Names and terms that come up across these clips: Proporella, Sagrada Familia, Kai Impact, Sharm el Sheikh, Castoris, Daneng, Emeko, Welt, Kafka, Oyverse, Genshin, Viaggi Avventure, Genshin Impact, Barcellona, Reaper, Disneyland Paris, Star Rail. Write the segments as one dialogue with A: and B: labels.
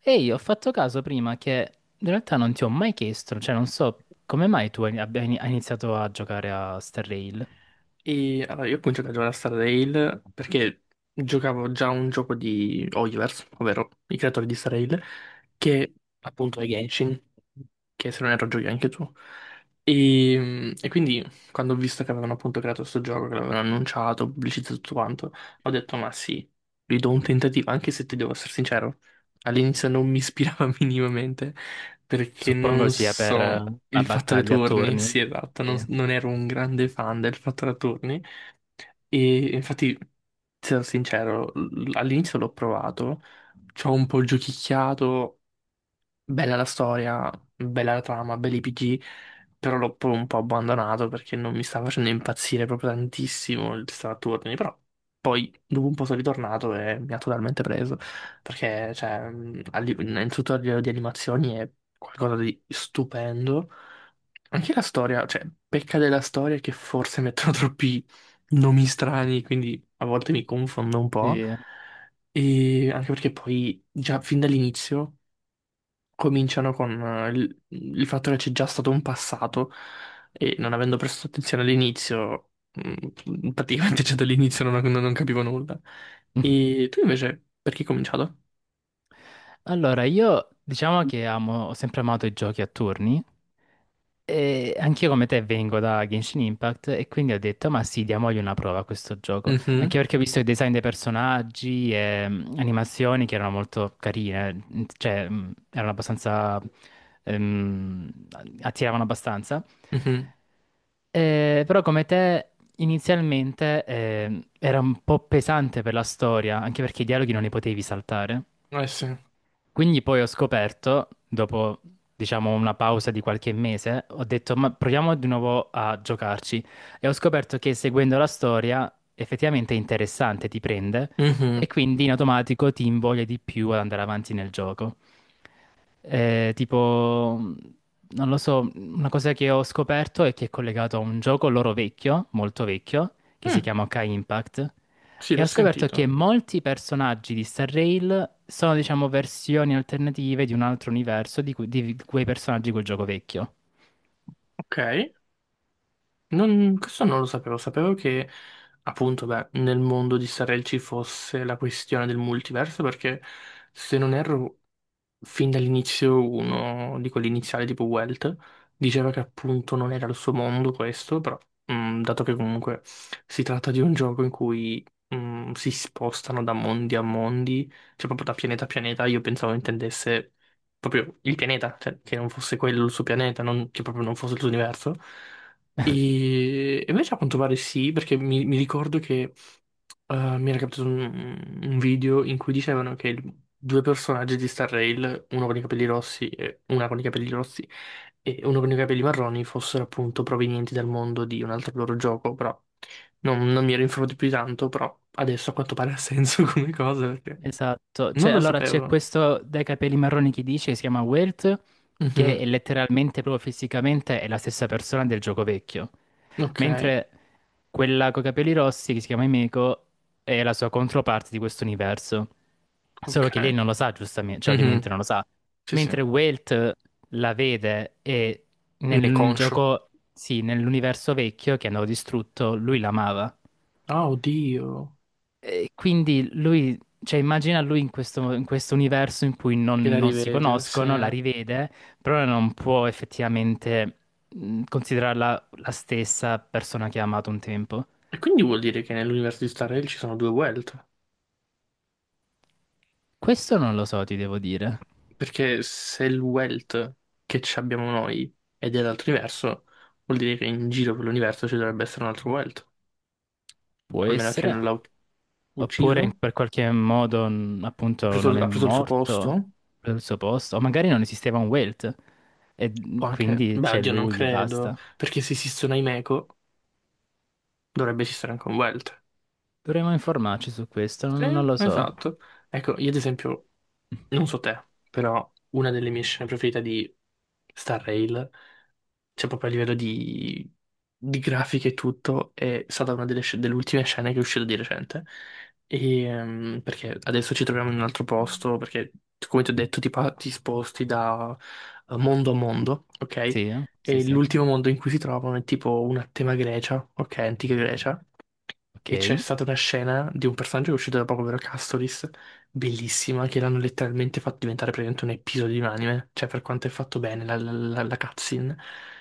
A: Ehi, ho fatto caso prima che in realtà non ti ho mai chiesto, cioè non so come mai tu hai iniziato a giocare a Star Rail.
B: E allora, io ho cominciato a giocare a Star Rail perché giocavo già un gioco di Oyverse, ovvero i creatori di Star Rail, che appunto è Genshin, che se non erro giochi anche tu. E quindi quando ho visto che avevano appunto creato questo gioco, che l'avevano annunciato, pubblicizzato tutto quanto, ho detto ma sì, gli do un tentativo, anche se ti devo essere sincero, all'inizio non mi ispirava minimamente perché
A: Suppongo
B: non
A: sia per
B: so.
A: la
B: Il fattore
A: battaglia a
B: turni,
A: turni.
B: sì, esatto, non,
A: Sì,
B: non ero un grande fan del fattore turni e infatti, sarò sincero, all'inizio l'ho provato, ci ho un po' giochicchiato, bella la storia, bella la trama, belli i PG, però l'ho poi un po' abbandonato perché non mi stava facendo impazzire proprio tantissimo il sistema a turni, però poi dopo un po' sono ritornato e mi ha totalmente preso, perché cioè, innanzitutto a livello di animazioni è qualcosa di stupendo. Anche la storia, cioè, pecca della storia che forse mettono troppi nomi strani, quindi a volte mi confondo un po'.
A: sì.
B: E anche perché poi, già fin dall'inizio, cominciano con il fatto che c'è già stato un passato e non avendo prestato attenzione all'inizio, praticamente già dall'inizio non capivo nulla. E tu invece, perché hai cominciato?
A: Allora, io diciamo che amo, ho sempre amato i giochi a turni. E anch'io come te vengo da Genshin Impact e quindi ho detto, ma sì, diamogli una prova a questo gioco. Anche
B: Mhm.
A: perché ho visto i design dei personaggi e animazioni che erano molto carine, cioè, erano abbastanza. ehm, Attiravano abbastanza.
B: Mhm.
A: Però come te inizialmente era un po' pesante per la storia, anche perché i dialoghi non li potevi saltare.
B: Eh, sì.
A: Quindi poi ho scoperto, dopo diciamo una pausa di qualche mese, ho detto ma proviamo di nuovo a giocarci e ho scoperto che seguendo la storia effettivamente è interessante, ti prende e
B: Mhm.
A: quindi in automatico ti invoglia di più ad andare avanti nel gioco. Tipo, non lo so, una cosa che ho scoperto è che è collegato a un gioco loro vecchio, molto vecchio, che si
B: Mm,
A: chiama Kai Impact.
B: sì,
A: E
B: l'ho
A: ho scoperto che
B: sentito.
A: molti personaggi di Star Rail sono, diciamo, versioni alternative di un altro universo di, di quei personaggi di quel gioco vecchio.
B: Ok. Questo non lo sapevo, sapevo che appunto beh, nel mondo di Starel ci fosse la questione del multiverso perché se non erro fin dall'inizio uno di quelli iniziali tipo Welt diceva che appunto non era il suo mondo questo, però dato che comunque si tratta di un gioco in cui si spostano da mondi a mondi, cioè proprio da pianeta a pianeta, io pensavo intendesse proprio il pianeta, cioè che non fosse quello il suo pianeta, che proprio non fosse il suo universo. E invece a quanto pare sì, perché mi ricordo che mi era capitato un video in cui dicevano che due personaggi di Star Rail, uno con i capelli rossi e una con i capelli rossi e uno con i capelli marroni, fossero appunto provenienti dal mondo di un altro loro gioco, però non mi ero informato più di tanto, però adesso a quanto pare ha senso come cosa perché
A: Esatto,
B: non
A: cioè,
B: lo
A: allora c'è
B: sapevo.
A: questo dai capelli marroni che dice, si chiama Welt, che
B: Mhm.
A: è letteralmente, proprio fisicamente, è la stessa persona del gioco vecchio,
B: Ok,
A: mentre quella con i capelli rossi, che si chiama Emeko, è la sua controparte di questo universo, solo
B: ok.
A: che lei non lo sa, giustamente, cioè ovviamente
B: Mhm.
A: non lo sa,
B: Sì, sì.
A: mentre
B: Ne
A: Welt la vede e
B: è
A: nel
B: conscio.
A: gioco, sì, nell'universo vecchio che hanno distrutto, lui l'amava.
B: Ah, oddio,
A: E quindi lui, cioè immagina lui in questo universo in cui
B: che
A: non,
B: la
A: non si
B: rivede, sì.
A: conoscono, la
B: E
A: rivede, però non può effettivamente considerarla la stessa persona che ha amato un tempo.
B: quindi vuol dire che nell'universo di Star Rail ci sono due Welt?
A: Questo non lo so, ti devo dire.
B: Perché se il wealth che ci abbiamo noi è dell'altro vuol dire che in giro per l'universo ci dovrebbe essere un altro wealth.
A: Può
B: A meno che non
A: essere.
B: l'ha
A: Oppure
B: ucciso,
A: per qualche modo,
B: ha
A: appunto,
B: preso,
A: non è
B: ha preso il suo
A: morto
B: posto,
A: per il suo posto. O magari non esisteva un Welt e
B: può anche...
A: quindi
B: Beh,
A: c'è
B: oddio, non
A: lui e
B: credo,
A: basta.
B: perché se esistono i Meco, dovrebbe esistere anche un wealth.
A: Dovremmo informarci su questo,
B: Sì,
A: non lo so.
B: esatto. Ecco, io ad esempio, non so te, però una delle mie scene preferite di Star Rail cioè proprio a livello di grafiche e tutto, è stata una delle ultime scene che è uscita di recente. E, perché adesso ci troviamo in un altro posto, perché come ti ho detto ti sposti da mondo a mondo, ok?
A: Sì, eh? Sì,
B: E
A: sì.
B: l'ultimo mondo in cui si trovano è tipo una tema Grecia, ok? Antica Grecia. E c'è
A: Ok.
B: stata una scena di un personaggio che è uscito da poco, ovvero Castoris, bellissima, che l'hanno letteralmente fatto diventare praticamente un episodio di un anime, cioè per quanto è fatto bene la cutscene.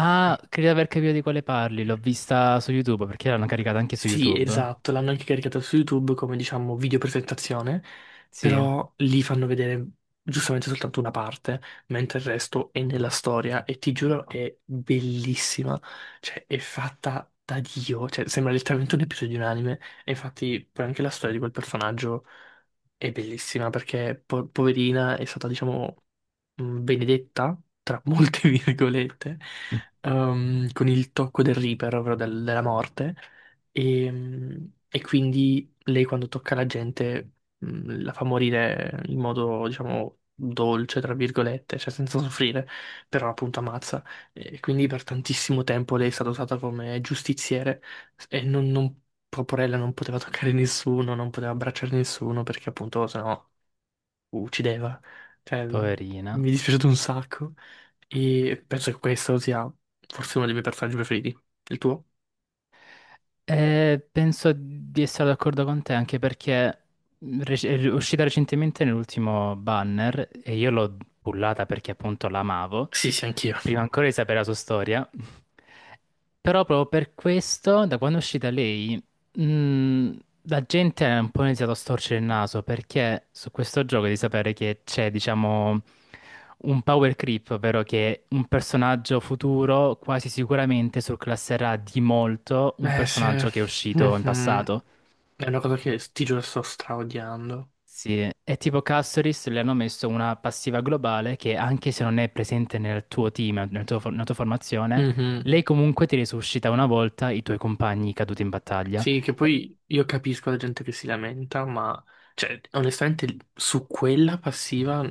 A: Ah, credo di aver capito di quale parli, l'ho vista su YouTube, perché l'hanno caricata anche su
B: Sì,
A: YouTube.
B: esatto, l'hanno anche caricato su YouTube come diciamo video presentazione,
A: Sì,
B: però lì fanno vedere giustamente soltanto una parte, mentre il resto è nella storia e ti giuro è bellissima, cioè è fatta da Dio, cioè sembra letteralmente un episodio di un anime e infatti poi anche la storia di quel personaggio è bellissima perché poverina è stata diciamo benedetta, tra molte virgolette, con il tocco del Reaper, ovvero della morte. E quindi lei quando tocca la gente la fa morire in modo, diciamo, dolce, tra virgolette, cioè senza soffrire, però appunto ammazza. E quindi per tantissimo tempo lei è stata usata come giustiziere e non, non, Proporella non poteva toccare nessuno, non poteva abbracciare nessuno perché appunto sennò uccideva. Cioè,
A: poverina.
B: mi è dispiaciuto un sacco e penso che questo sia forse uno dei miei personaggi preferiti. Il tuo?
A: Penso di essere d'accordo con te, anche perché è uscita recentemente nell'ultimo banner e io l'ho pullata perché appunto l'amavo.
B: Sì, sì, anch'io.
A: Prima ancora di sapere la sua storia. Però proprio per questo, da quando è uscita lei, mh, la gente ha un po' iniziato a storcere il naso perché su questo gioco di sapere che c'è, diciamo, un power creep, ovvero che un personaggio futuro quasi sicuramente surclasserà di molto un
B: Beh, sì.
A: personaggio che è uscito in
B: Mhm.
A: passato.
B: È una cosa che sti giorni sto straodiando.
A: Sì, è tipo Castoris, le hanno messo una passiva globale che anche se non è presente nel tuo team, nella tua formazione,
B: Mhm.
A: lei comunque ti risuscita una volta i tuoi compagni caduti in battaglia.
B: Sì, che
A: E-
B: poi io capisco la gente che si lamenta, ma cioè, onestamente su quella passiva,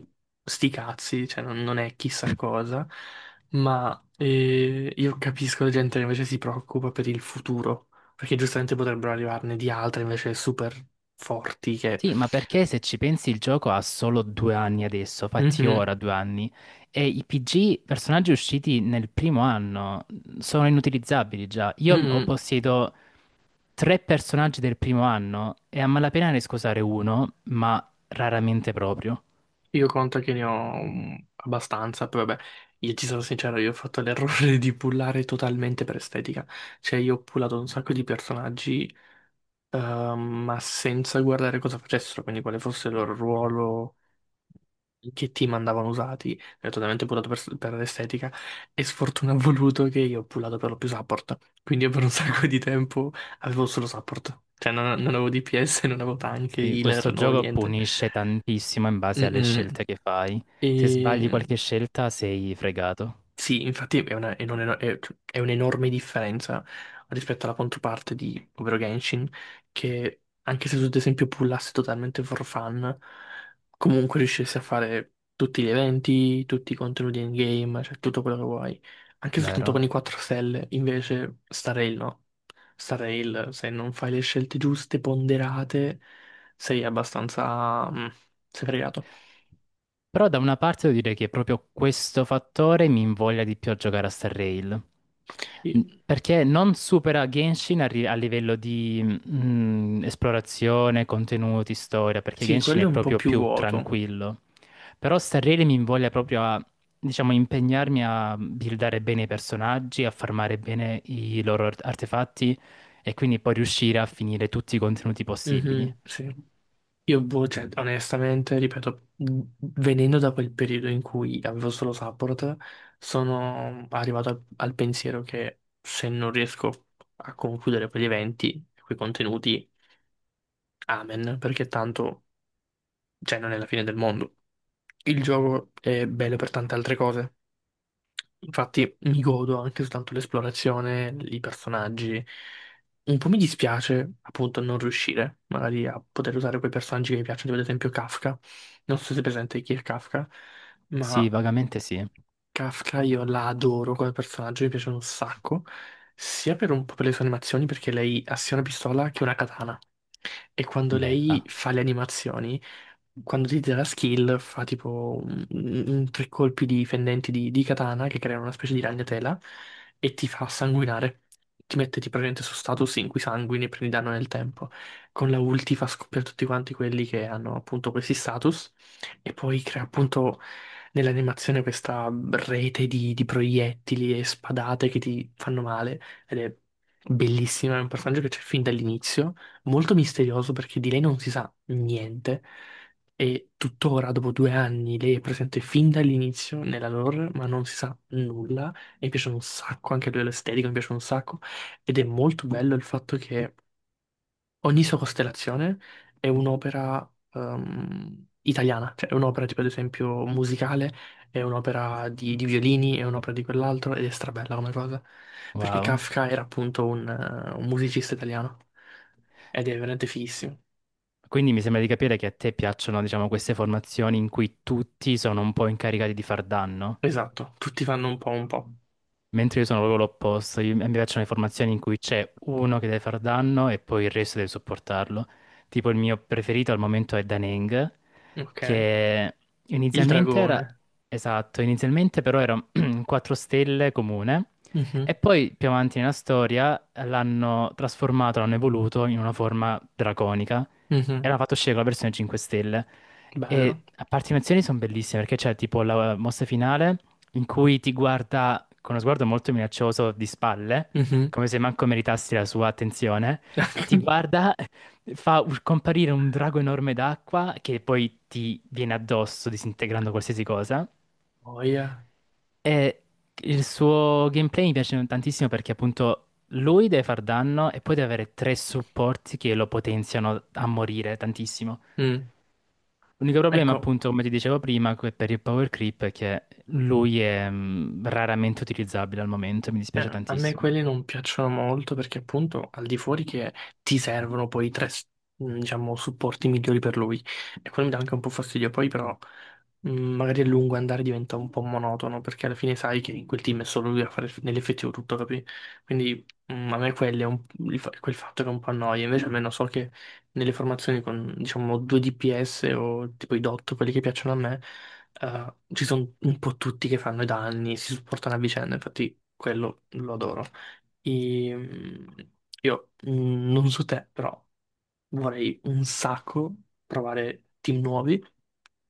B: sti cazzi, cioè, non è chissà cosa, ma io capisco la gente che invece si preoccupa per il futuro, perché giustamente potrebbero arrivarne di altre invece super forti che...
A: sì, ma perché se ci pensi il gioco ha solo 2 anni adesso, fatti
B: Mhm.
A: ora 2 anni, e i PG, personaggi usciti nel primo anno, sono inutilizzabili già. Io ho
B: Mhm.
A: possiedo tre personaggi del primo anno e a malapena ne scusare uno, ma raramente proprio.
B: Io conto che ne ho abbastanza, però vabbè, io ti sarò sincero, io ho fatto l'errore di pullare totalmente per estetica. Cioè, io ho pullato un sacco di personaggi, ehm, ma senza guardare cosa facessero, quindi quale fosse il loro ruolo, in che team andavano usati. Ho totalmente pullato per l'estetica e sfortuna ha voluto che io ho pullato per lo più support. Quindi io per un sacco di tempo avevo solo support. Cioè, non avevo DPS, non avevo tank,
A: Sì,
B: healer,
A: questo
B: non avevo
A: gioco
B: niente.
A: punisce tantissimo in base alle
B: Mm-mm.
A: scelte che fai. Se sbagli
B: E...
A: qualche scelta sei fregato,
B: Sì, infatti è una- è un eno- è- cioè, è un'enorme differenza rispetto alla controparte ovvero Genshin, che anche se tu ad esempio pullassi totalmente for fun, comunque riuscissi a fare tutti gli eventi, tutti i contenuti in game, cioè tutto quello che vuoi. Anche soltanto
A: vero?
B: con i 4 stelle, invece Starrail no. Starrail, se non fai le scelte giuste, ponderate, sei abbastanza, sei fregato.
A: Però da una parte devo dire che proprio questo fattore mi invoglia di più a giocare a Star Rail.
B: I-
A: Perché non supera Genshin a livello di esplorazione, contenuti, storia, perché
B: Sì,
A: Genshin
B: quello
A: è
B: è un po'
A: proprio
B: più
A: più
B: vuoto.
A: tranquillo. Però Starrele mi invoglia proprio a, diciamo, impegnarmi a buildare bene i personaggi, a farmare bene i loro artefatti e quindi poi riuscire a finire tutti i contenuti possibili.
B: Mhm, sì. Io, boh, cioè, onestamente, ripeto, venendo da quel periodo in cui avevo solo Support, sono arrivato al pensiero che se non riesco a concludere quegli eventi, quei contenuti, amen, perché tanto, cioè, non è la fine del mondo. Il gioco è bello per tante altre cose. Infatti mi godo anche soltanto l'esplorazione, i personaggi. Un po' mi dispiace appunto non riuscire magari a poter usare quei personaggi che mi piacciono, tipo ad esempio Kafka. Non so se è presente chi è Kafka,
A: Sì,
B: ma
A: vagamente sì.
B: Kafka io la adoro come personaggio, mi piace un sacco, sia per un po' per le sue animazioni, perché lei ha sia una pistola che una katana. E quando lei
A: Bella.
B: fa le animazioni, quando ti dà la skill, fa tipo tre colpi di fendenti di katana che creano una specie di ragnatela e ti fa sanguinare. Ti mette tipo praticamente su status in cui sanguini e prendi danno nel tempo. Con la ulti fa scoppiare tutti quanti quelli che hanno appunto questi status e poi crea appunto nell'animazione questa rete di proiettili e spadate che ti fanno male ed è bellissima, è un personaggio che c'è fin dall'inizio, molto misterioso perché di lei non si sa niente e tuttora dopo 2 anni lei è presente fin dall'inizio nella lore ma non si sa nulla e mi piace un sacco, anche a livello estetico mi piace un sacco ed è molto bello il fatto che ogni sua costellazione è un'opera italiana, cioè è un'opera tipo ad esempio musicale, è un'opera di violini, è un'opera di quell'altro ed è strabella come cosa, perché
A: Wow.
B: Kafka era appunto un musicista italiano ed è veramente fighissimo.
A: Quindi mi sembra di capire che a te piacciono, diciamo, queste formazioni in cui tutti sono un po' incaricati di far danno.
B: Esatto, tutti fanno un po' un po'.
A: Mentre io sono proprio l'opposto, a mi piacciono le formazioni in cui c'è uno che deve far danno e poi il resto deve sopportarlo. Tipo il mio preferito al momento è Daneng,
B: Ok,
A: che
B: il
A: inizialmente era.
B: dragone.
A: Esatto, inizialmente però era un 4 stelle comune
B: Mhm.
A: e poi più avanti nella storia l'hanno trasformato, l'hanno evoluto in una forma draconica e
B: Mhm.
A: l'hanno fatto uscire con la versione 5 stelle. E
B: Bello.
A: a parte le animazioni sono bellissime perché c'è tipo la mossa finale in cui ti guarda con uno sguardo molto minaccioso di spalle,
B: Mhm.
A: come se manco meritassi la sua attenzione, e ti guarda, fa comparire un drago enorme d'acqua che poi ti viene addosso disintegrando qualsiasi cosa.
B: Oh, yeah.
A: E il suo gameplay mi piace tantissimo perché appunto lui deve far danno e poi deve avere tre supporti che lo potenziano a morire tantissimo.
B: Mm.
A: L'unico problema,
B: Ecco.
A: appunto, come ti dicevo prima, per il power creep è che lui è raramente utilizzabile al momento, e mi dispiace
B: A me
A: tantissimo.
B: quelli non piacciono molto perché appunto al di fuori che ti servono poi tre, diciamo, supporti migliori per lui. E quello mi dà anche un po' fastidio. Poi però magari a lungo andare diventa un po' monotono perché alla fine sai che in quel team è solo lui a fare nell'effettivo tutto, capi? Quindi a me quelli è un- il fa- quel fatto che è un po' annoia. Invece almeno so che nelle formazioni con diciamo 2 DPS o tipo i DOT, quelli che piacciono a me, ci sono un po' tutti che fanno i danni, si supportano a vicenda, infatti quello lo adoro. E, io non so te, però vorrei un sacco provare team nuovi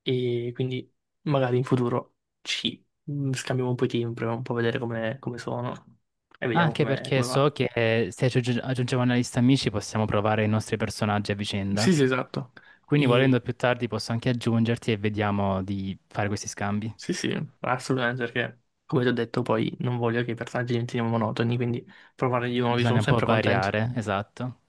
B: e quindi magari in futuro ci scambiamo un po' i team, proviamo un po' a vedere come sono e vediamo
A: Anche
B: come,
A: perché
B: come va.
A: so che se aggiungiamo una lista amici possiamo provare i nostri personaggi a
B: Sì,
A: vicenda.
B: sì, esatto.
A: Quindi volendo
B: E
A: più tardi posso anche aggiungerti e vediamo di fare questi scambi.
B: sì, sì, assolutamente perché, come ti ho detto, poi non voglio che i personaggi diventino monotoni, quindi provare di nuovi sono
A: Bisogna un po'
B: sempre contento.
A: variare, esatto.